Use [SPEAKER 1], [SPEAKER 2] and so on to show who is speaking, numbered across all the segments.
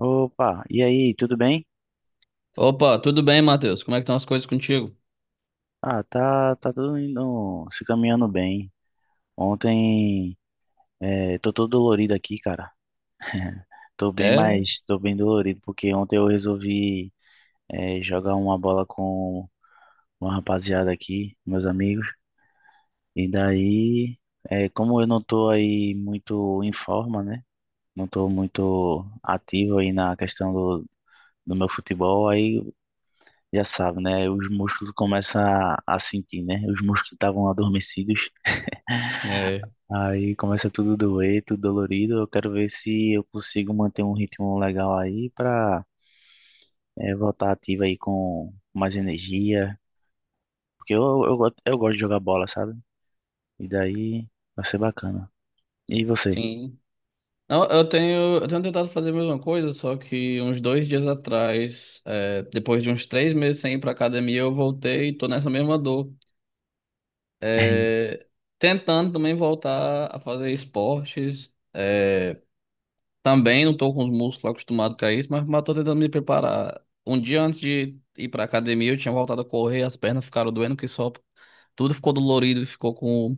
[SPEAKER 1] Opa, e aí, tudo bem?
[SPEAKER 2] Opa, tudo bem, Matheus? Como é que estão as coisas contigo?
[SPEAKER 1] Ah, tá tudo indo, se caminhando bem. Ontem, Tô todo dolorido aqui, cara. Tô bem,
[SPEAKER 2] É,
[SPEAKER 1] mas tô bem dolorido porque ontem eu resolvi jogar uma bola com uma rapaziada aqui, meus amigos. E daí, como eu não tô aí muito em forma, né? Não tô muito ativo aí na questão do meu futebol, aí já sabe, né? Os músculos começam a sentir, né? Os músculos estavam adormecidos.
[SPEAKER 2] É,
[SPEAKER 1] Aí começa tudo doer, tudo dolorido. Eu quero ver se eu consigo manter um ritmo legal aí pra voltar ativo aí com mais energia. Porque eu gosto de jogar bola, sabe? E daí vai ser bacana. E você?
[SPEAKER 2] sim. Não, eu tenho tentado fazer a mesma coisa, só que uns dois dias atrás, depois de uns três meses sem ir pra academia, eu voltei e tô nessa mesma dor. É, tentando também voltar a fazer esportes. É, Também não tô com os músculos acostumados com isso, mas, tô tentando me preparar. Um dia antes de ir pra academia, eu tinha voltado a correr, as pernas ficaram doendo que só. Tudo ficou dolorido, ficou com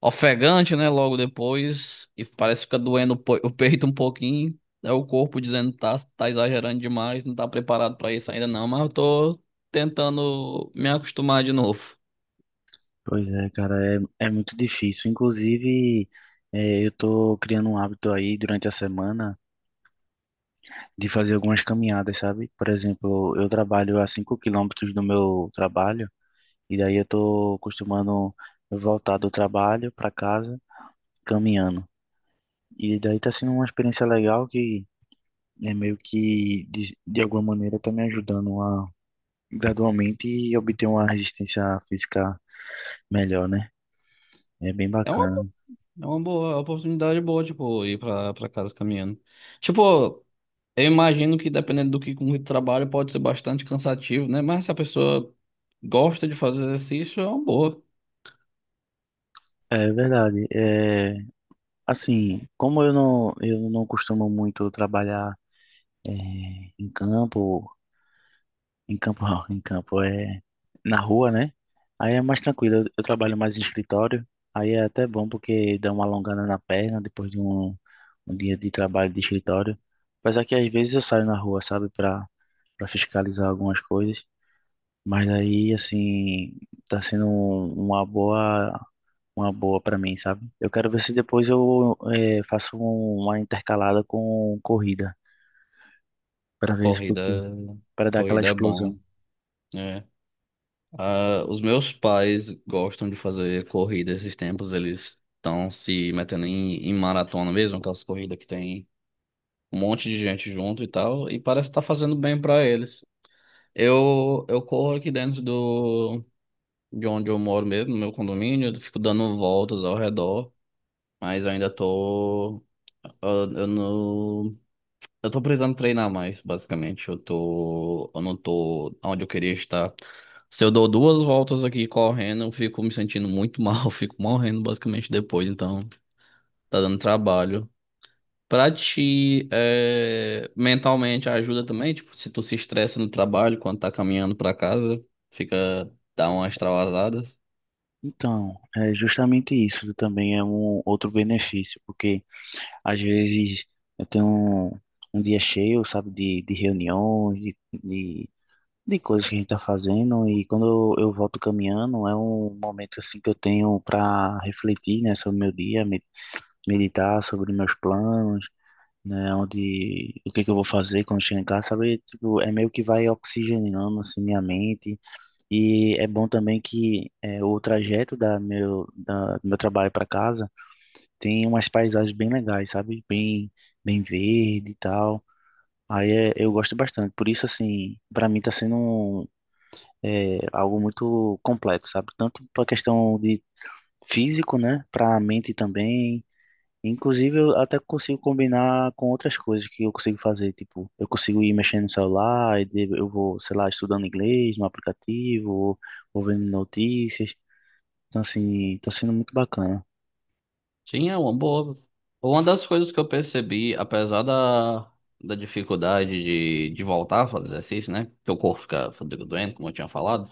[SPEAKER 2] ofegante, né? Logo depois. E parece que fica doendo o peito um pouquinho. É o corpo dizendo que tá, exagerando demais, não tá preparado pra isso ainda não. Mas eu tô tentando me acostumar de novo.
[SPEAKER 1] Pois é, cara, é muito difícil. Inclusive, eu tô criando um hábito aí durante a semana de fazer algumas caminhadas, sabe? Por exemplo, eu trabalho a 5 km do meu trabalho. E daí eu tô costumando voltar do trabalho para casa caminhando. E daí tá sendo uma experiência legal que é meio que, de alguma maneira, tá me ajudando a gradualmente obter uma resistência física melhor, né? É bem
[SPEAKER 2] É uma, bo-
[SPEAKER 1] bacana.
[SPEAKER 2] é uma boa, é uma oportunidade boa, tipo, ir pra casa caminhando. Tipo, eu imagino que dependendo do que com que tu trabalha, pode ser bastante cansativo, né? Mas se a pessoa gosta de fazer exercício, é uma boa.
[SPEAKER 1] É verdade. É, assim, como eu não costumo muito trabalhar é, em campo. Em campo, não, em campo é na rua, né? Aí é mais tranquilo. Eu trabalho mais em escritório. Aí é até bom porque dá uma alongada na perna depois de um dia de trabalho de escritório. Apesar que às vezes eu saio na rua, sabe, para fiscalizar algumas coisas. Mas aí, assim, tá sendo um- uma boa, uma boa para mim, sabe? Eu quero ver se depois eu faço uma intercalada com corrida para ver se
[SPEAKER 2] Corrida,
[SPEAKER 1] porque para dar aquela
[SPEAKER 2] corrida é
[SPEAKER 1] explosão.
[SPEAKER 2] bom. É. Ah, os meus pais gostam de fazer corrida esses tempos, eles estão se metendo em maratona mesmo, aquelas corridas que tem um monte de gente junto e tal, e parece estar fazendo bem para eles. Eu corro aqui dentro de onde eu moro mesmo, no meu condomínio, eu fico dando voltas ao redor, mas ainda tô. Eu, eu não. Eu tô precisando treinar mais, basicamente. Eu não tô onde eu queria estar. Se eu dou duas voltas aqui correndo, eu fico me sentindo muito mal, eu fico morrendo basicamente depois, então tá dando trabalho. Pra ti, é, mentalmente ajuda também, tipo, se tu se estressa no trabalho, quando tá caminhando pra casa, fica, dá uma extravasada.
[SPEAKER 1] Então, é justamente isso também é um outro benefício, porque às vezes eu tenho um dia cheio, sabe, de reuniões, de, de coisas que a gente está fazendo, e quando eu volto caminhando, é um momento assim que eu tenho para refletir, né, sobre o meu dia, meditar sobre meus planos, né, onde, o que que eu vou fazer quando chegar em casa, sabe, tipo, é meio que vai oxigenando, assim, minha mente, e é bom também que é, o trajeto do meu trabalho para casa tem umas paisagens bem legais, sabe? Bem verde e tal. Eu gosto bastante. Por isso, assim, para mim tá sendo algo muito completo, sabe? Tanto para questão de físico, né? Para a mente também. Inclusive, eu até consigo combinar com outras coisas que eu consigo fazer. Tipo, eu consigo ir mexendo no celular, eu vou, sei lá, estudando inglês no aplicativo, ou vendo notícias. Então, assim, tá sendo muito bacana.
[SPEAKER 2] Sim, é uma boa. Uma das coisas que eu percebi, apesar da dificuldade de voltar a fazer exercício, né? Porque o corpo fica doendo, como eu tinha falado.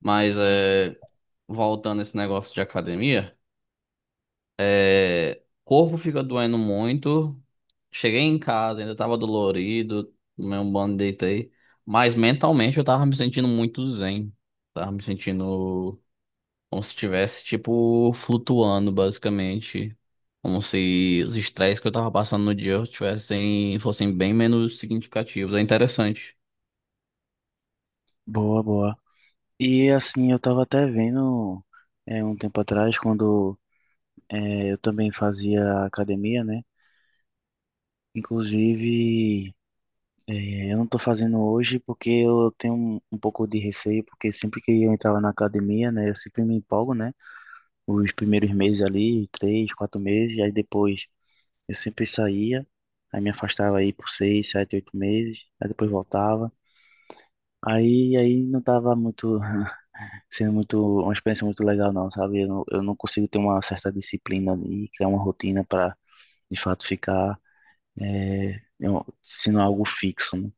[SPEAKER 2] Mas é, voltando esse negócio de academia, o corpo fica doendo muito. Cheguei em casa, ainda tava dolorido, tomei um banho, deitei. Mas mentalmente eu tava me sentindo muito zen. Tava me sentindo. Como se estivesse, tipo, flutuando, basicamente. Como se os estresses que eu tava passando no dia tivessem, fossem bem menos significativos. É interessante.
[SPEAKER 1] Boa, boa. E, assim, eu tava até vendo um tempo atrás, quando eu também fazia academia, né? Inclusive, eu não tô fazendo hoje porque eu tenho um pouco de receio, porque sempre que eu entrava na academia, né, eu sempre me empolgo, né? Os primeiros meses ali, três, quatro meses, aí depois eu sempre saía, aí me afastava aí por seis, sete, oito meses, aí depois voltava. Aí não tava muito sendo muito, uma experiência muito legal, não, sabe? Eu não consigo ter uma certa disciplina e criar uma rotina para, de fato, ficar sendo algo fixo, né?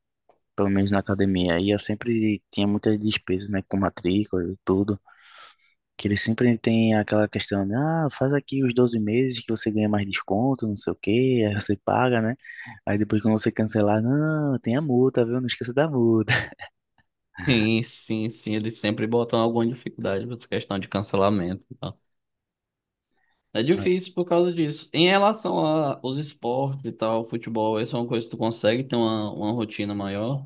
[SPEAKER 1] Pelo menos na academia. E eu sempre tinha muitas despesas, né? Com matrícula e tudo. Que eles sempre têm aquela questão de, ah, faz aqui os 12 meses que você ganha mais desconto, não sei o quê, aí você paga, né? Aí depois quando você cancelar, não, tem a multa, viu? Não esqueça da multa.
[SPEAKER 2] Sim, sim, sim. Eles sempre botam alguma dificuldade pra essa questão de cancelamento e tal. É difícil por causa disso. Em relação aos esportes e tal, futebol, essa é uma coisa que tu consegue ter uma, rotina maior.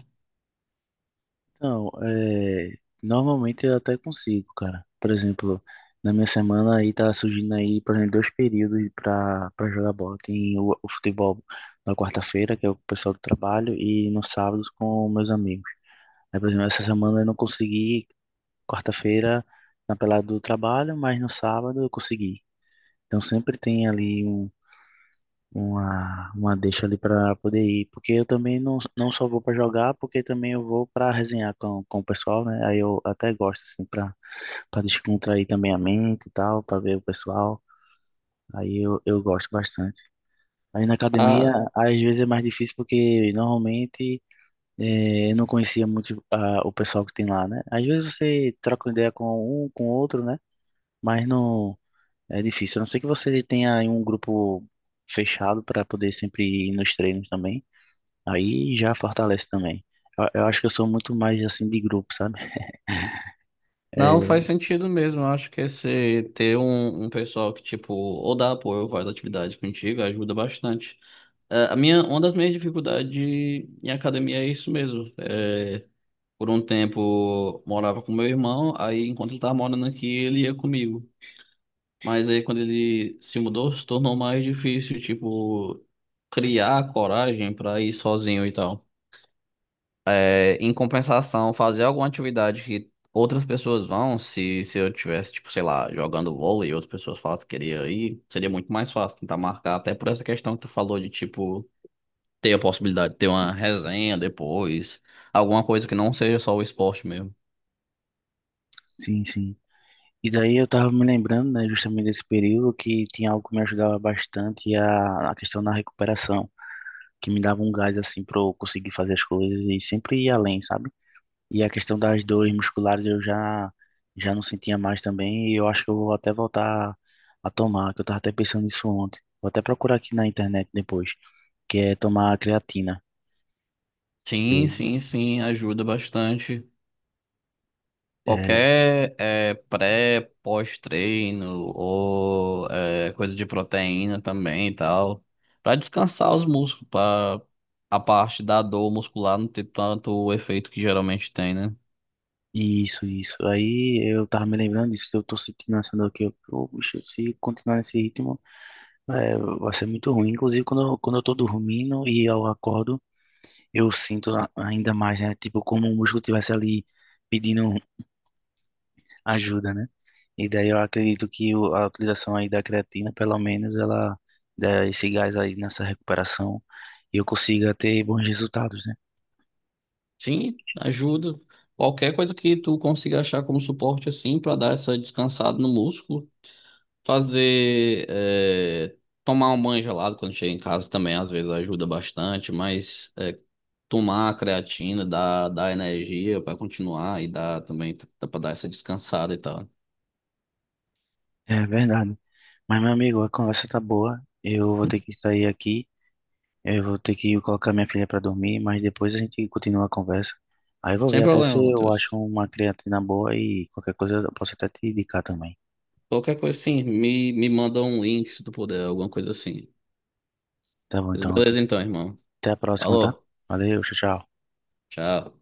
[SPEAKER 1] Então, é, normalmente eu até consigo, cara. Por exemplo, na minha semana aí tá surgindo aí, por exemplo, dois períodos pra para jogar bola. Tem o futebol na quarta-feira, que é o pessoal do trabalho, e no sábado com meus amigos. Aí, por exemplo, essa semana eu não consegui, quarta-feira na pelada do trabalho, mas no sábado eu consegui. Então sempre tem ali uma deixa ali para poder ir, porque eu também não só vou para jogar, porque também eu vou para resenhar com o pessoal, né? Aí eu até gosto assim para descontrair também a mente e tal, para ver o pessoal. Eu gosto bastante. Aí na academia,
[SPEAKER 2] Ah,
[SPEAKER 1] às vezes é mais difícil porque normalmente eu não conhecia muito o pessoal que tem lá, né? Às vezes você troca uma ideia com um, com outro, né? Mas não é difícil. A não ser que você tenha aí um grupo fechado para poder sempre ir nos treinos também. Aí já fortalece também. Eu acho que eu sou muito mais assim de grupo, sabe?
[SPEAKER 2] não,
[SPEAKER 1] É,
[SPEAKER 2] faz sentido mesmo. Eu acho que esse ter um, um pessoal que, tipo, ou dá apoio ou faz atividade contigo ajuda bastante. Ah, a minha, uma das minhas dificuldades em academia é isso mesmo. É, por um tempo morava com meu irmão, aí enquanto ele tava morando aqui, ele ia comigo. Mas aí quando ele se mudou, se tornou mais difícil, tipo, criar coragem para ir sozinho e tal. É, em compensação, fazer alguma atividade que outras pessoas vão, se eu tivesse, tipo, sei lá, jogando vôlei e outras pessoas falam que queria ir, seria muito mais fácil tentar marcar, até por essa questão que tu falou de, tipo, ter a possibilidade de ter uma resenha depois, alguma coisa que não seja só o esporte mesmo.
[SPEAKER 1] sim, sim. E daí eu tava me lembrando, né, justamente desse período que tinha algo que me ajudava bastante a questão da recuperação, que me dava um gás assim para eu conseguir fazer as coisas e sempre ir além, sabe? E a questão das dores musculares eu já não sentia mais também e eu acho que eu vou até voltar a tomar, que eu tava até pensando nisso ontem. Vou até procurar aqui na internet depois, que é tomar creatina.
[SPEAKER 2] Sim,
[SPEAKER 1] Eu,
[SPEAKER 2] sim, sim, ajuda bastante.
[SPEAKER 1] é,
[SPEAKER 2] Qualquer pré, pós-treino ou coisa de proteína também e tal, para descansar os músculos, para a parte da dor muscular não ter tanto o efeito que geralmente tem, né?
[SPEAKER 1] Isso, isso. Aí eu tava me lembrando disso, que eu tô sentindo essa dor aqui. Eu, pô, bicho, se continuar nesse ritmo, vai ser muito ruim. Inclusive, quando eu tô dormindo e eu acordo, eu sinto ainda mais, né? Tipo, como o músculo tivesse ali pedindo ajuda, né? E daí eu acredito que a utilização aí da creatina, pelo menos, ela dá esse gás aí nessa recuperação e eu consiga ter bons resultados, né?
[SPEAKER 2] Sim, ajuda. Qualquer coisa que tu consiga achar como suporte assim para dar essa descansada no músculo. Fazer, é, tomar um banho gelado quando chega em casa também às vezes ajuda bastante, mas é, tomar a creatina dá energia para continuar e dá também dá para dar essa descansada e tal.
[SPEAKER 1] É verdade. Mas, meu amigo, a conversa tá boa. Eu vou ter que sair aqui. Eu vou ter que colocar minha filha para dormir, mas depois a gente continua a conversa. Aí eu vou
[SPEAKER 2] Sem
[SPEAKER 1] ver até se
[SPEAKER 2] problema,
[SPEAKER 1] eu acho
[SPEAKER 2] Matheus.
[SPEAKER 1] uma creatina boa e qualquer coisa eu posso até te indicar também.
[SPEAKER 2] Qualquer coisa assim, me manda um link se tu puder, alguma coisa assim.
[SPEAKER 1] Tá bom,
[SPEAKER 2] Mas
[SPEAKER 1] então
[SPEAKER 2] beleza então,
[SPEAKER 1] até
[SPEAKER 2] irmão.
[SPEAKER 1] a próxima, tá?
[SPEAKER 2] Falou,
[SPEAKER 1] Valeu, tchau, tchau.
[SPEAKER 2] tchau.